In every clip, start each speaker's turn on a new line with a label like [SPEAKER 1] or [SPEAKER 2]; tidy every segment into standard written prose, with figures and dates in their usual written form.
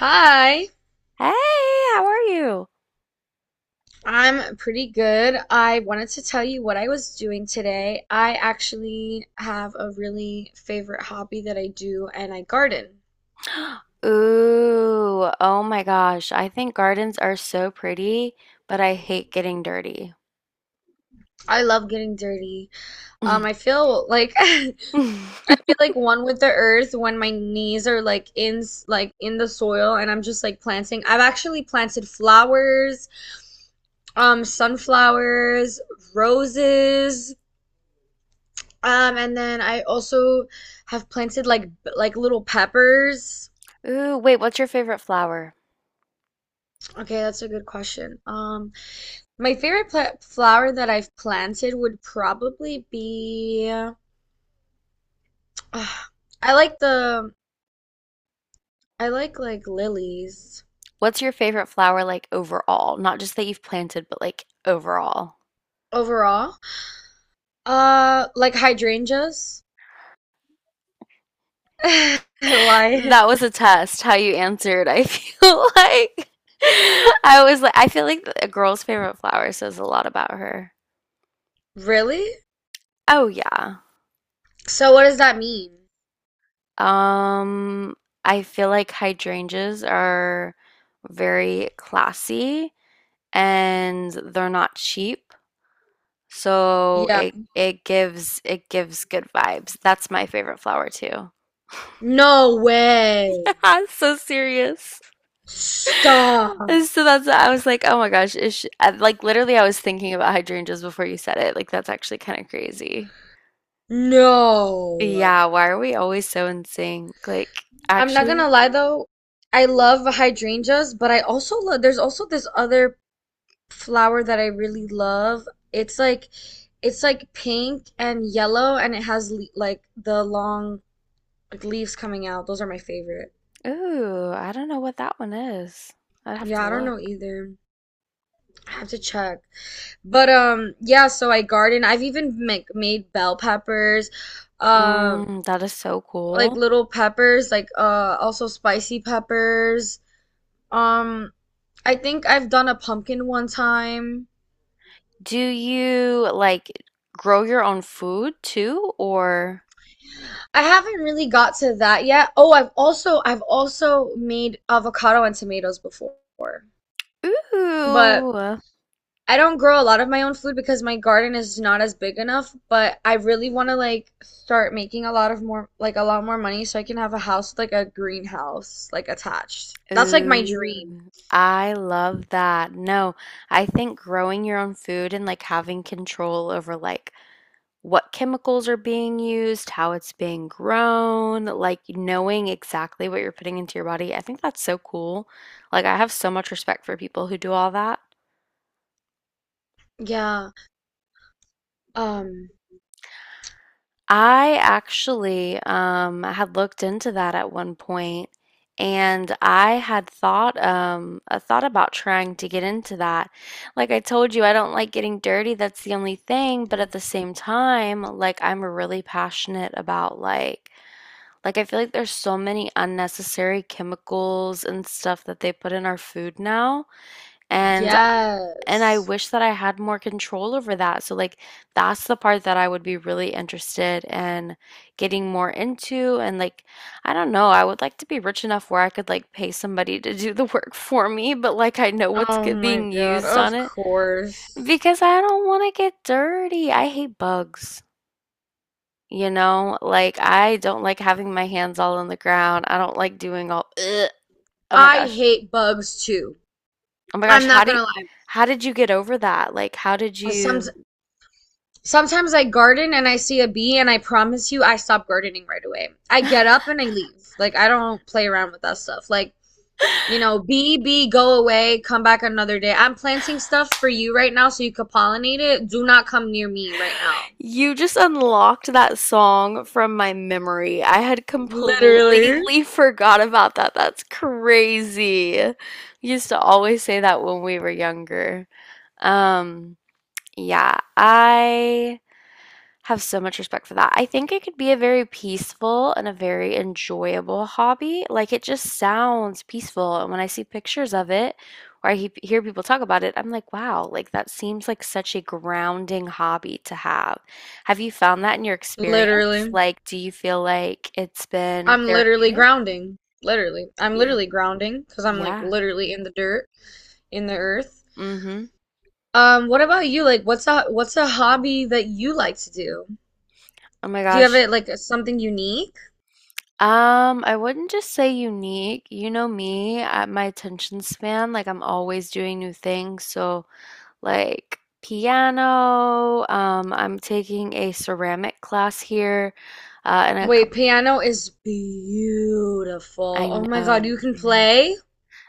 [SPEAKER 1] Hi,
[SPEAKER 2] Hey, how are you?
[SPEAKER 1] I'm pretty good. I wanted to tell you what I was doing today. I actually have a really favorite hobby that I do, and I garden.
[SPEAKER 2] Ooh, oh my gosh. I think gardens are so pretty, but I hate getting dirty.
[SPEAKER 1] I love getting dirty. I feel like I feel like one with the earth when my knees are like in the soil, and I'm just like planting. I've actually planted flowers, sunflowers, roses. And then I also have planted like little peppers.
[SPEAKER 2] Ooh, wait, what's your favorite flower?
[SPEAKER 1] Okay, that's a good question. My favorite pla flower that I've planted would probably be I like the I like lilies
[SPEAKER 2] What's your favorite flower like overall? Not just that you've planted, but like overall.
[SPEAKER 1] overall. Like hydrangeas. Why?
[SPEAKER 2] That was a test, how you answered. I feel like I was like, I feel like a girl's favorite flower says a lot about her.
[SPEAKER 1] Really?
[SPEAKER 2] Oh, yeah.
[SPEAKER 1] So what does that mean?
[SPEAKER 2] Um, I feel like hydrangeas are very classy and they're not cheap, so
[SPEAKER 1] Yeah.
[SPEAKER 2] it gives good vibes. That's my favorite flower too.
[SPEAKER 1] No
[SPEAKER 2] Yeah,
[SPEAKER 1] way.
[SPEAKER 2] it's so serious.
[SPEAKER 1] Stop.
[SPEAKER 2] And so that's I was like, oh my gosh, is she, like literally I was thinking about hydrangeas before you said it. Like that's actually kind of crazy.
[SPEAKER 1] No.
[SPEAKER 2] Yeah, why are we always so in sync? Like
[SPEAKER 1] I'm not
[SPEAKER 2] actually.
[SPEAKER 1] gonna lie though, I love hydrangeas, but I also love there's also this other flower that I really love. It's like it's like pink and yellow, and it has le like the long like leaves coming out. Those are my favorite.
[SPEAKER 2] Ooh, I don't know what that one is. I'd have to
[SPEAKER 1] Yeah, I don't know
[SPEAKER 2] look.
[SPEAKER 1] either. I have to check. But yeah, so I garden. I've even made bell peppers. Um
[SPEAKER 2] Mm, that is so
[SPEAKER 1] like
[SPEAKER 2] cool.
[SPEAKER 1] little peppers, like also spicy peppers. Um I think I've done a pumpkin one time.
[SPEAKER 2] Do you like grow your own food too, or?
[SPEAKER 1] I haven't really got to that yet. Oh, I've also made avocado and tomatoes before. But
[SPEAKER 2] Ooh,
[SPEAKER 1] I don't grow a lot of my own food because my garden is not as big enough, but I really want to like start making a lot more money so I can have a house with, like a greenhouse like attached. That's like my dream.
[SPEAKER 2] ooh, I love that. No, I think growing your own food and like having control over like what chemicals are being used, how it's being grown, like knowing exactly what you're putting into your body. I think that's so cool. Like I have so much respect for people who do all that.
[SPEAKER 1] Yeah. Um
[SPEAKER 2] I actually had looked into that at one point, and I thought about trying to get into that. Like I told you, I don't like getting dirty. That's the only thing. But at the same time, like I'm really passionate about like I feel like there's so many unnecessary chemicals and stuff that they put in our food now, and and I
[SPEAKER 1] yes.
[SPEAKER 2] wish that I had more control over that. So like that's the part that I would be really interested in getting more into and like I don't know, I would like to be rich enough where I could like pay somebody to do the work for me, but like I know what's
[SPEAKER 1] Oh my
[SPEAKER 2] being
[SPEAKER 1] God,
[SPEAKER 2] used on
[SPEAKER 1] of
[SPEAKER 2] it
[SPEAKER 1] course.
[SPEAKER 2] because I don't want to get dirty. I hate bugs. You know, like I don't like having my hands all on the ground. I don't like doing all, ugh. Oh my
[SPEAKER 1] I
[SPEAKER 2] gosh.
[SPEAKER 1] hate bugs too.
[SPEAKER 2] Oh my gosh,
[SPEAKER 1] I'm
[SPEAKER 2] how
[SPEAKER 1] not
[SPEAKER 2] did
[SPEAKER 1] gonna lie.
[SPEAKER 2] how did you get over that? Like how did
[SPEAKER 1] Some,
[SPEAKER 2] you
[SPEAKER 1] Sometimes I garden and I see a bee, and I promise you, I stop gardening right away. I get up and I leave. Like, I don't play around with that stuff. Like, you know, bee, bee, go away, come back another day. I'm planting stuff for you right now so you could pollinate it. Do not come near me right now.
[SPEAKER 2] You just unlocked that song from my memory. I had
[SPEAKER 1] Literally.
[SPEAKER 2] completely forgot about that. That's crazy. We used to always say that when we were younger. Um, yeah, I have so much respect for that. I think it could be a very peaceful and a very enjoyable hobby. Like it just sounds peaceful. And when I see pictures of it or I he hear people talk about it, I'm like, wow, like that seems like such a grounding hobby to have. Have you found that in your experience?
[SPEAKER 1] Literally.
[SPEAKER 2] Like, do you feel like it's been
[SPEAKER 1] I'm literally
[SPEAKER 2] therapeutic?
[SPEAKER 1] grounding. Literally. I'm
[SPEAKER 2] Y-
[SPEAKER 1] literally grounding because I'm like
[SPEAKER 2] yeah.
[SPEAKER 1] literally in the dirt, in the earth.
[SPEAKER 2] Mm-hmm.
[SPEAKER 1] What about you? Like, what's a hobby that you like to do?
[SPEAKER 2] Oh my
[SPEAKER 1] Do you have
[SPEAKER 2] gosh.
[SPEAKER 1] it like something unique?
[SPEAKER 2] I wouldn't just say unique. You know me, at my attention span, like I'm always doing new things. So like piano. I'm taking a ceramic class here, and a
[SPEAKER 1] Wait,
[SPEAKER 2] couple.
[SPEAKER 1] piano is
[SPEAKER 2] I
[SPEAKER 1] beautiful. Oh
[SPEAKER 2] know,
[SPEAKER 1] my God, you can
[SPEAKER 2] I know,
[SPEAKER 1] play?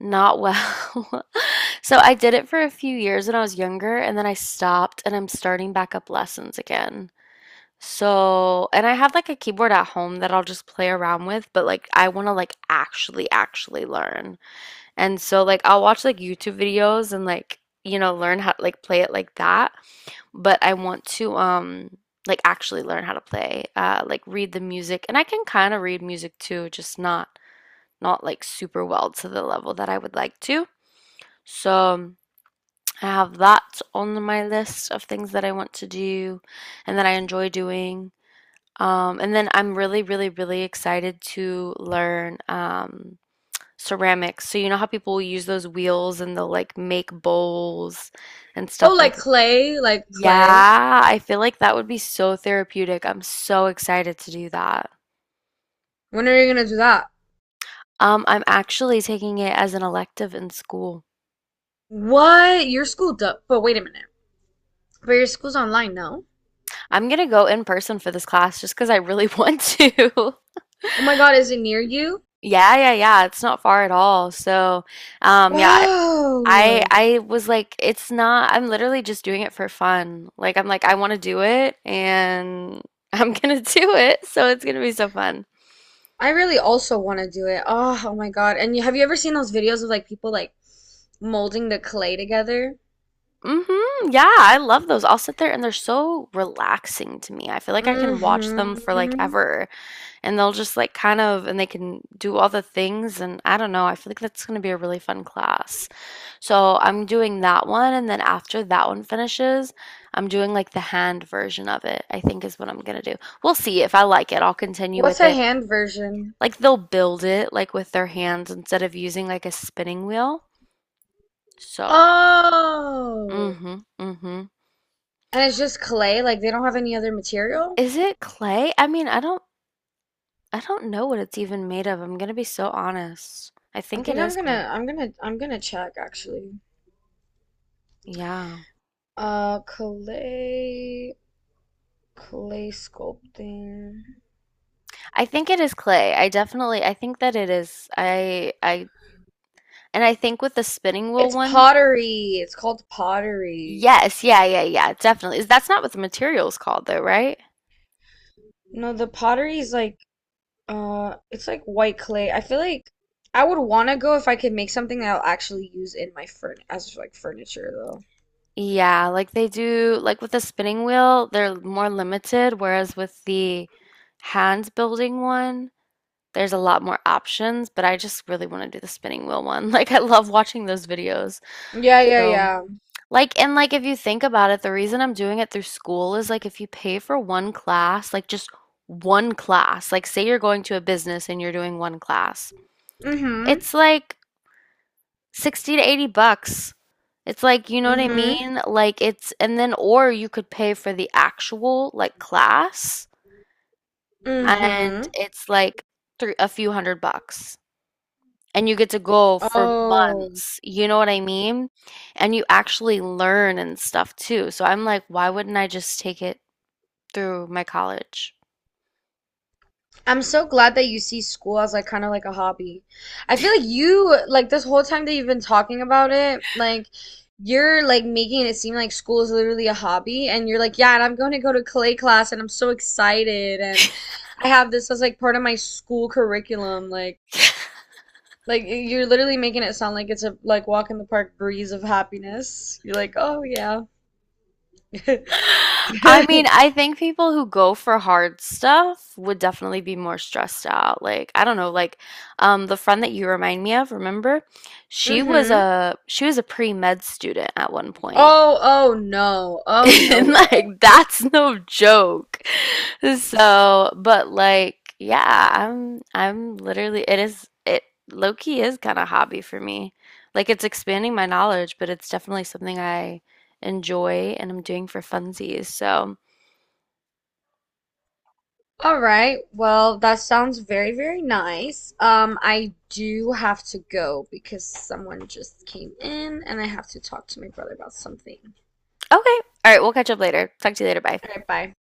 [SPEAKER 2] not well. So I did it for a few years when I was younger, and then I stopped, and I'm starting back up lessons again. So, and I have like a keyboard at home that I'll just play around with, but like I want to like actually learn. And so like I'll watch like YouTube videos and like you know learn how like play it like that. But I want to like actually learn how to play, like read the music and I can kind of read music too, just not like super well to the level that I would like to. So, I have that on my list of things that I want to do and that I enjoy doing. And then I'm really, really, really excited to learn ceramics. So you know how people use those wheels and they'll like make bowls and
[SPEAKER 1] Oh,
[SPEAKER 2] stuff
[SPEAKER 1] like
[SPEAKER 2] like
[SPEAKER 1] clay, like clay.
[SPEAKER 2] yeah, I feel like that would be so therapeutic. I'm so excited to do that.
[SPEAKER 1] When are you gonna do that?
[SPEAKER 2] I'm actually taking it as an elective in school.
[SPEAKER 1] What? Your school does, but wait a minute. But your school's online, no?
[SPEAKER 2] I'm gonna go in person for this class just because I really want to.
[SPEAKER 1] Oh my God, is it near you?
[SPEAKER 2] Yeah, yeah, yeah. It's not far at all. So, yeah, I,
[SPEAKER 1] Wow.
[SPEAKER 2] I I was like, it's not, I'm literally just doing it for fun. Like, I'm like, I want to do it and I'm gonna do it. So it's gonna be so fun.
[SPEAKER 1] I really also want to do it. Oh, oh my God. And you, have you ever seen those videos of like people like molding the clay together?
[SPEAKER 2] Mhm. Yeah, I love those. I'll sit there and they're so relaxing to me. I feel like I can watch them for like
[SPEAKER 1] Mm-hmm.
[SPEAKER 2] ever and they'll just like kind of and they can do all the things and I don't know. I feel like that's going to be a really fun class. So, I'm doing that one and then after that one finishes, I'm doing like the hand version of it. I think is what I'm going to do. We'll see if I like it. I'll continue with
[SPEAKER 1] What's a
[SPEAKER 2] it.
[SPEAKER 1] hand version?
[SPEAKER 2] Like they'll build it like with their hands instead of using like a spinning wheel. So,
[SPEAKER 1] Oh.
[SPEAKER 2] mhm. Mhm.
[SPEAKER 1] And it's just clay, like they don't have any other material.
[SPEAKER 2] Is it clay? I mean, I don't know what it's even made of, I'm gonna be so honest. I
[SPEAKER 1] I
[SPEAKER 2] think it
[SPEAKER 1] think I'm
[SPEAKER 2] is clay.
[SPEAKER 1] gonna I'm gonna I'm gonna check actually.
[SPEAKER 2] Yeah.
[SPEAKER 1] Uh clay Clay sculpting.
[SPEAKER 2] I think it is clay. I think that it is. I and I think with the spinning wheel
[SPEAKER 1] It's
[SPEAKER 2] one,
[SPEAKER 1] pottery. It's called pottery.
[SPEAKER 2] yes, yeah, yeah, yeah, definitely. Is That's not what the material's called though, right?
[SPEAKER 1] No, the pottery is like it's like white clay. I feel like I would want to go if I could make something that I'll actually use in my furn as like furniture though.
[SPEAKER 2] Yeah, like they do like with the spinning wheel, they're more limited, whereas with the hand building one, there's a lot more options, but I just really want to do the spinning wheel one. Like I love watching those videos.
[SPEAKER 1] Yeah, yeah,
[SPEAKER 2] So,
[SPEAKER 1] yeah.
[SPEAKER 2] like and, like, if you think about it, the reason I'm doing it through school is, like, if you pay for one class, like, just one class, like, say you're going to a business and you're doing one class,
[SPEAKER 1] Mm-hmm.
[SPEAKER 2] it's, like, 60 to 80 bucks. It's, like you know what I
[SPEAKER 1] Mm-hmm.
[SPEAKER 2] mean? Like, it's and then or you could pay for the actual, like, class, and
[SPEAKER 1] Mm-hmm.
[SPEAKER 2] it's, like, three a few 100 bucks. And you get to go for
[SPEAKER 1] Oh.
[SPEAKER 2] months. You know what I mean? And you actually learn and stuff too. So I'm like, why wouldn't I just take it through my college?
[SPEAKER 1] I'm so glad that you see school as like kind of like a hobby. I feel like you like this whole time that you've been talking about it, like you're like making it seem like school is literally a hobby, and you're like, yeah, and I'm going to go to clay class and I'm so excited and I have this as like part of my school curriculum. Like you're literally making it sound like it's a like walk in the park breeze of happiness. You're like, "Oh yeah."
[SPEAKER 2] I mean, I think people who go for hard stuff would definitely be more stressed out. Like, I don't know, like the friend that you remind me of, remember? She was
[SPEAKER 1] Mm-hmm.
[SPEAKER 2] a she was a pre-med student at one point.
[SPEAKER 1] Oh, oh no. Oh no
[SPEAKER 2] And
[SPEAKER 1] way.
[SPEAKER 2] like that's no joke. So, but like yeah, I'm literally it low key is kind of hobby for me. Like it's expanding my knowledge, but it's definitely something I enjoy and I'm doing for funsies. So,
[SPEAKER 1] All right. Well, that sounds very, very nice. I do have to go because someone just came in and I have to talk to my brother about something.
[SPEAKER 2] okay. All right, we'll catch up later. Talk to you later. Bye.
[SPEAKER 1] All right, bye.